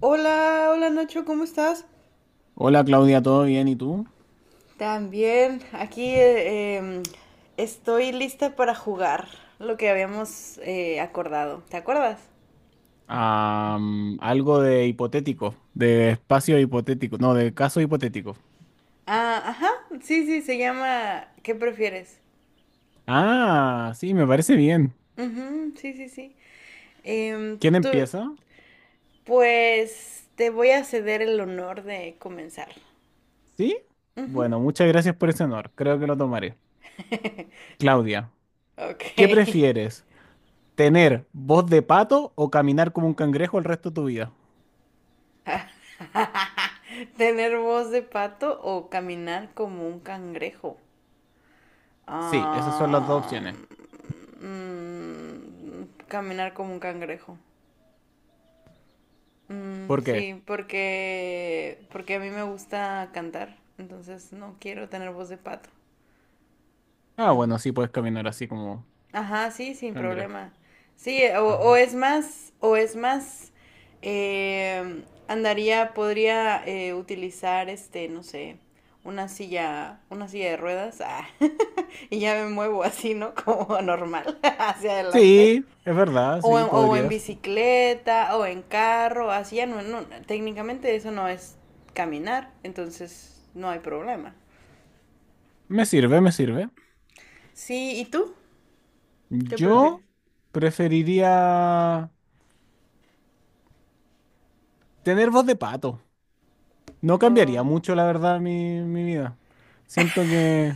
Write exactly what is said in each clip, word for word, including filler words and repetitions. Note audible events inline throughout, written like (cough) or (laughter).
Hola, hola Nacho, ¿cómo estás? Hola Claudia, ¿todo bien? ¿Y tú? También, aquí eh, em, estoy lista para jugar lo que habíamos eh, acordado. ¿Te acuerdas? Am, algo de hipotético, de espacio hipotético, no, de caso hipotético. Ah, ajá, sí, sí, se llama ¿Qué prefieres? Ah, sí, me parece bien. Ujú, sí, sí, sí. Em, ¿Quién tú, empieza? pues te voy a ceder el honor de comenzar. ¿Sí? Ujú. Bueno, muchas gracias por ese honor, creo que lo tomaré. Claudia, ¿qué Ok. prefieres? ¿Tener voz de pato o caminar como un cangrejo el resto de tu vida? (laughs) ¿Tener voz de pato o caminar como un cangrejo? Sí, esas son las dos Ah, opciones. mm, caminar como un cangrejo. Mm, ¿Por qué? sí, porque, porque a mí me gusta cantar, entonces no quiero tener voz de pato. Ah, bueno, sí, puedes caminar así como Ajá, sí, sin cangrejo. problema. Sí, o, Ajá. o es más, o es más, eh, andaría, podría eh, utilizar, este, no sé, una silla, una silla de ruedas, ah, (laughs) y ya me muevo así, ¿no? Como normal, (laughs) hacia adelante. Sí, es verdad, O sí, en, o en podrías. bicicleta, o en carro, así ya no, no, técnicamente eso no es caminar, entonces no hay problema. Me sirve, me sirve. Sí, ¿y tú? ¿Qué prefieres? Yo preferiría tener voz de pato. No cambiaría Oh. mucho, la verdad, mi, mi vida. Siento que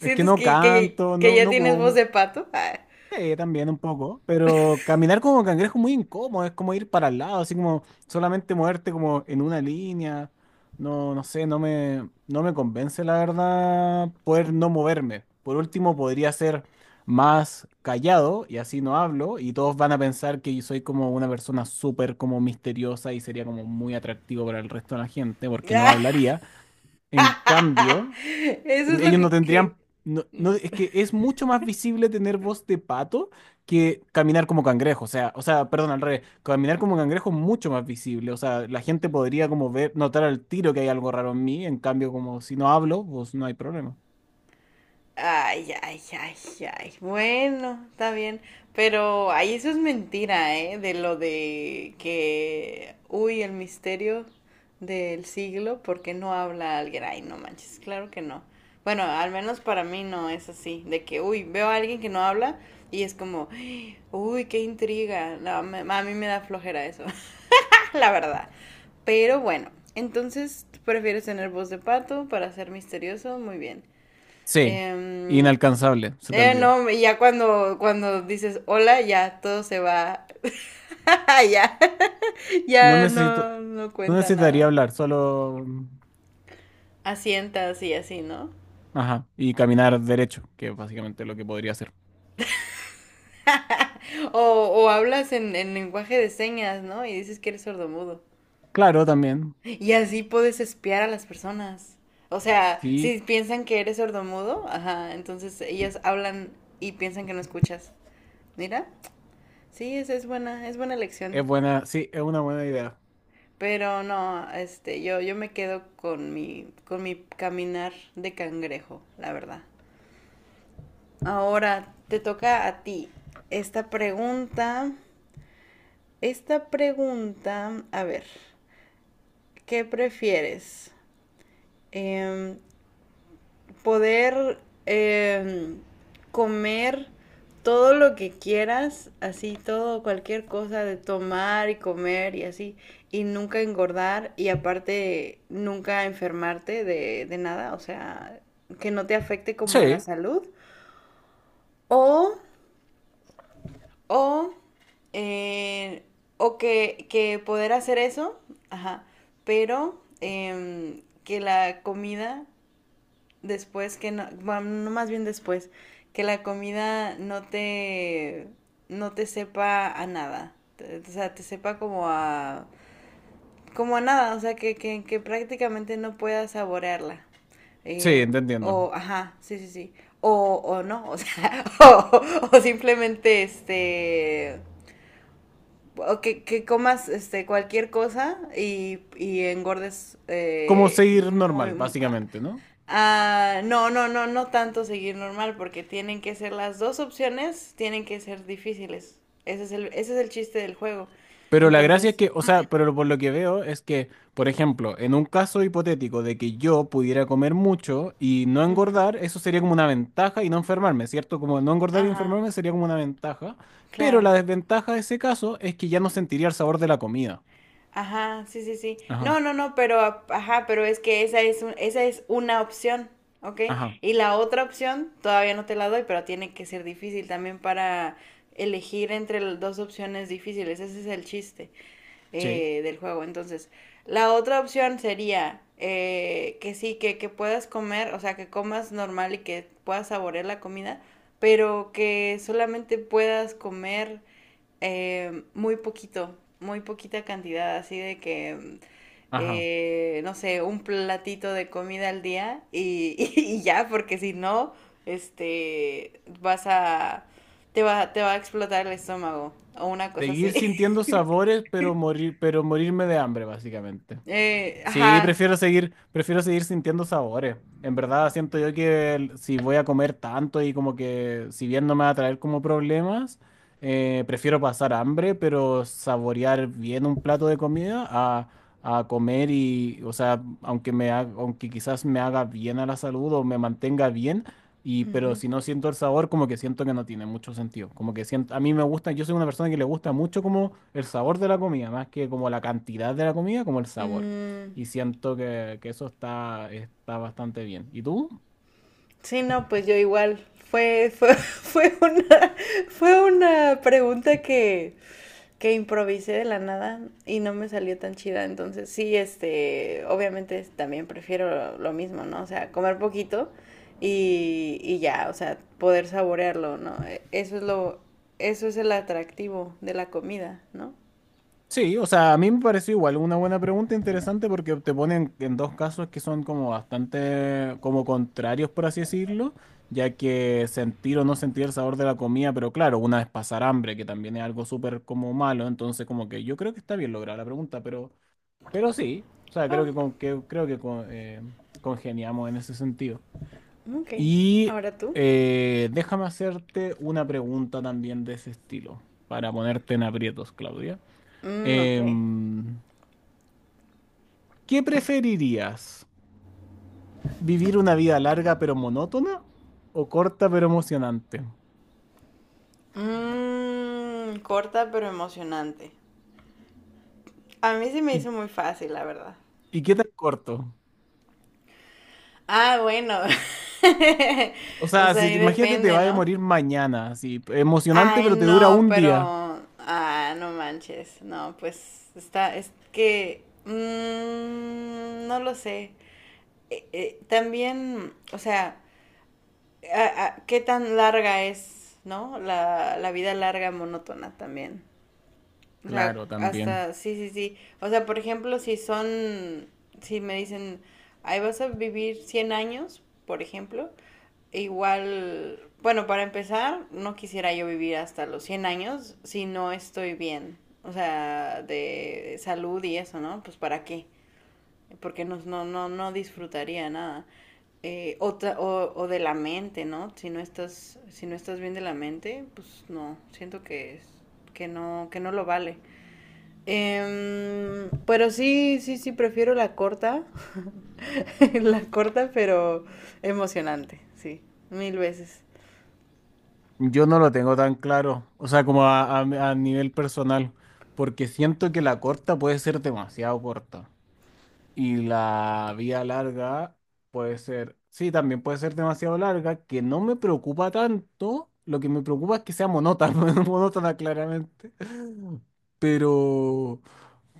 es que no que, que, canto, que no, ya no tienes voz ocupo. de pato? Ah. (laughs) Sí, también un poco, pero caminar como cangrejo es muy incómodo, es como ir para el lado, así como solamente moverte como en una línea. No, no sé, no me, no me convence la verdad poder no moverme. Por último, podría ser más callado y así no hablo y todos van a pensar que yo soy como una persona súper como misteriosa y sería como muy atractivo para el resto de la gente porque no Ah, hablaría. En cambio... eso es lo Ellos no que, tendrían. que, No, no, es que es mucho más visible tener voz de pato que caminar como cangrejo. O sea, o sea, perdón, al revés. Caminar como cangrejo es mucho más visible. O sea, la gente podría como ver, notar al tiro que hay algo raro en mí. En cambio, como si no hablo, pues no hay problema. ay, ay, ay, ay. Bueno, está bien. Pero, ay, eso es mentira, ¿eh? De lo de que, uy, el misterio del siglo, ¿porque no habla alguien? Ay, no manches, claro que no. Bueno, al menos para mí no es así. De que, uy, veo a alguien que no habla y es como, uy, qué intriga. No, me- a mí me da flojera eso, (laughs) la verdad. Pero bueno, entonces, ¿tú prefieres tener voz de pato para ser misterioso? Muy bien. Sí, Em, inalcanzable, se te eh, olvidó. no, y ya cuando, cuando dices hola, ya todo se va. (laughs) Ya, No ya necesito, no, no no cuenta necesitaría nada. hablar, solo. Asientas y así, ¿no? Ajá, y caminar derecho, que es básicamente lo que podría hacer. (laughs) O, o hablas en, en lenguaje de señas, ¿no? Y dices que eres sordomudo. Claro, también. Y así puedes espiar a las personas. O sea, Sí, si piensan que eres sordomudo, ajá, entonces ellas hablan y piensan que no escuchas. Mira, sí, esa es buena, es buena es lección. buena, sí, es una buena idea. Pero no, este, yo, yo me quedo con mi, con mi caminar de cangrejo, la verdad. Ahora te toca a ti esta pregunta. Esta pregunta, a ver, ¿qué prefieres? Em, poder eh, comer todo lo que quieras, así todo, cualquier cosa de tomar y comer y así, y nunca engordar y aparte nunca enfermarte de, de nada, o sea, que no te afecte como a la Sí, salud, o, o, eh, o que, que poder hacer eso, ajá, pero em, que la comida después que no, bueno, no más bien después, que la comida no te, no te sepa a nada. O sea, te sepa como a, como a nada, o sea, que, que, que prácticamente no puedas saborearla. sí, Eh, te o, entiendo. ajá, sí, sí, sí. O, o no, o sea, (laughs) o, o simplemente este o que, que comas este cualquier cosa y, y engordes Como eh, seguir normal, muy. básicamente, ¿no? Ah, no, no, no, no tanto seguir normal, porque tienen que ser las dos opciones, tienen que ser difíciles. Ese es el, ese es el chiste del juego. Pero la gracia es Entonces, que, o sea, pero por lo que veo es que, por ejemplo, en un caso hipotético de que yo pudiera comer mucho y no ujú, engordar, eso sería como una ventaja y no enfermarme, ¿cierto? Como no engordar y ajá, enfermarme sería como una ventaja, pero claro. la desventaja de ese caso es que ya no sentiría el sabor de la comida. Ajá, sí, sí, sí. Ajá, No, no, no, pero, a- ajá, pero es que esa es, un- esa es una opción, ¿ok? ajá, Y la otra opción todavía no te la doy, pero tiene que ser difícil también para elegir entre las dos opciones difíciles. Ese es el chiste sí, eh, del juego. Entonces, la otra opción sería eh, que sí, que, que puedas comer, o sea, que comas normal y que puedas saborear la comida, pero que solamente puedas comer eh, muy poquito, muy poquita cantidad, así de que, ajá. eh, no sé, un platito de comida al día y, (laughs) y y ya, porque si no, este, vas a, te va, te va a explotar el estómago o una cosa Seguir así. (laughs) sintiendo sabores, pero morir, pero morirme de hambre, básicamente. Eh, Sí, ajá. prefiero seguir, prefiero seguir sintiendo sabores. En verdad, siento yo que el- si voy a comer tanto y como que si bien no me va a traer como problemas, eh, prefiero pasar hambre, pero saborear bien un plato de comida a, a comer y, o sea, aunque me ha- aunque quizás me haga bien a la salud o me mantenga bien, y pero Ujú. si no siento el sabor, como que siento que no tiene mucho sentido. Como que siento, a mí me gusta, yo soy una persona que le gusta mucho como el sabor de la comida, más que como la cantidad de la comida, como el sabor. Mm, Y siento que, que eso está, está bastante bien. ¿Y tú? sí, no, pues yo igual. Fue, fue, (laughs) fue una, fue una pregunta que, que improvisé de la nada y no me salió tan chida. Entonces, sí, este, obviamente es- también prefiero lo mismo, ¿no? O sea, comer poquito y, y ya, o sea, poder saborearlo, ¿no? E- Eso es lo, eso es el atractivo de la comida, ¿no? Sí, o sea, a mí me pareció igual una buena pregunta interesante porque te ponen en dos casos que son como bastante como contrarios, por así decirlo, ya que sentir o no sentir el sabor de la comida, pero claro, una es pasar hambre, que también es algo súper como malo, entonces como que yo creo que está bien lograda la pregunta, pero, pero sí, o sea, creo Oh, que, con- que- creo que con- eh, congeniamos en ese sentido. ok. Y Ahora tú. eh, déjame hacerte una pregunta también de ese estilo, para ponerte en aprietos, Claudia. Mm, ok. Em, ¿Qué preferirías? ¿Vivir una vida larga pero monótona o corta pero emocionante? Mmm, corta pero emocionante. A mí se me ¿Y, hizo muy fácil, la verdad. y qué tan corto? Ah, bueno. (laughs) O O sea, sea, si, ahí imagínate te depende, va a ¿no? morir mañana, así, emocionante Ay, pero te dura no, un pero... día. Ah, no manches. No, pues está... Es que... mm, no lo sé. Eh, eh, también, o sea, a- a- ¿qué tan larga es, ¿no? La, la vida larga monótona también. O sea, Claro, también. hasta, sí, sí, sí. O sea, por ejemplo, si son, si me dicen, ahí vas a vivir cien años, por ejemplo, igual, bueno, para empezar, no quisiera yo vivir hasta los cien años si no estoy bien. O sea, de salud y eso, ¿no? Pues para qué. Porque no, no, no, no disfrutaría nada. Eh, o, ta- o, o de la mente, ¿no? Si no estás, si no estás bien de la mente, pues no, siento que, es- que no, que no lo vale. Em, pero sí, sí, sí, prefiero la corta. (laughs) La corta, pero emocionante, sí, mil veces. Yo no lo tengo tan claro, o sea, como a, a a nivel personal, porque siento que la corta puede ser demasiado corta. Y la vía larga puede ser, sí, también puede ser demasiado larga, que no me preocupa tanto. Lo que me preocupa es que sea monótona, (laughs) monótona claramente. Pero,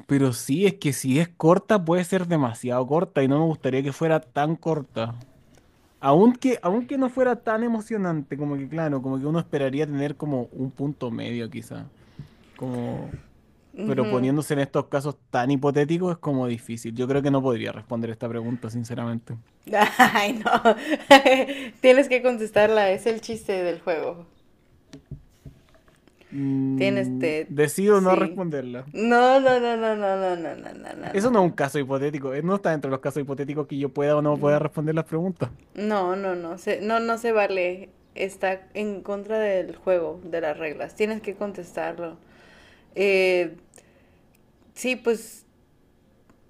pero sí, es que si es corta, puede ser demasiado corta y no me gustaría que fuera tan corta. Aunque, aunque no fuera tan emocionante, como que claro, como que uno esperaría tener como un punto medio quizá. Como pero poniéndose en estos casos tan hipotéticos es como difícil. Yo creo que no podría responder esta pregunta, sinceramente. Ay, no. (laughs) Tienes que contestarla, es el chiste del juego. Tienes Mm, te, decido no sí. responderla. No, no, no, no, no, no, no, no, no, no, Eso no es un no. caso hipotético. eh, No está dentro de los casos hipotéticos que yo pueda o no pueda responder las preguntas. No, no, no, se, no, no se vale. Está en contra del juego, de las reglas. Tienes que contestarlo. Eh, sí, pues.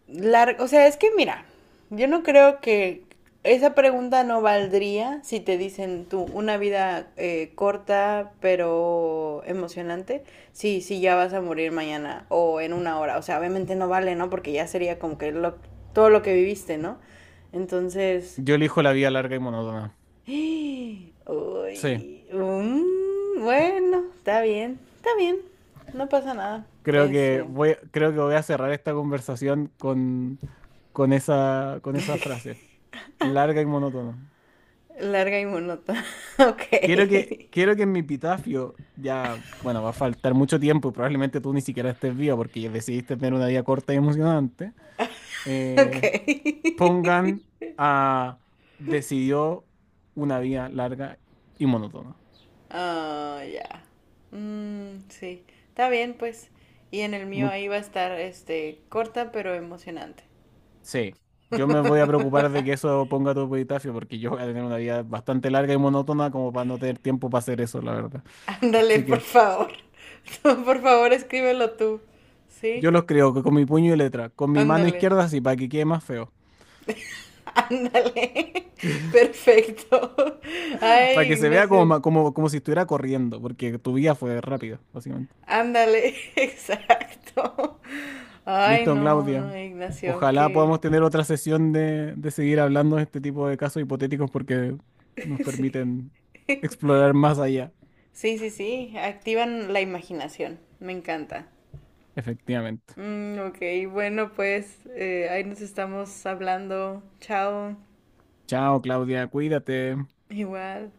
La- o sea, es que mira, yo no creo que esa pregunta no valdría si te dicen tú una vida eh, corta pero emocionante. Sí, sí, ya vas a morir mañana o en una hora. O sea, obviamente no vale, ¿no? Porque ya sería como que lo- todo lo que viviste, ¿no? Entonces, Yo elijo la vida larga y monótona. (gasps) Sí, uy, mm, bueno, está bien, está bien, no pasa nada. creo que Este, voy, creo que voy a cerrar esta conversación con, con esa, con esa frase. Larga y monótona. larga y monótona. (laughs) Ok. Quiero que, quiero que en mi epitafio, ya, bueno, va a faltar mucho tiempo y probablemente tú ni siquiera estés vivo porque ya decidiste tener una vida corta y emocionante, Ok. eh, pongan a decidió una vida larga y monótona. Ah, (laughs) oh, ya. Mm, sí. Está bien, pues. Y en el mío Mu- ahí va a estar, este, corta pero emocionante. sí, yo me voy a preocupar de que eso ponga tu epitafio porque yo voy a tener una vida bastante larga y monótona como para no tener tiempo para hacer eso, la verdad. (laughs) Ándale, Así por que favor. (laughs) Por favor, escríbelo tú. yo ¿Sí? los creo que con mi puño y letra, con mi mano Ándale. izquierda sí, para que quede más feo. Ándale. (laughs) Perfecto. Para Ay, que se vea Ignacio. como, como, como si estuviera corriendo, porque tu vida fue rápida, básicamente. Ándale. (laughs) Exacto. Ay, Listo, no, Claudia. no, Ignacio, Ojalá podamos que... tener otra sesión de, de seguir hablando de este tipo de casos hipotéticos porque nos (laughs) Sí. permiten explorar más allá. Sí, sí, sí, activan la imaginación, me encanta. Efectivamente. Mm, ok, bueno, pues eh, ahí nos estamos hablando. Chao, Chao, Claudia. Cuídate. igual.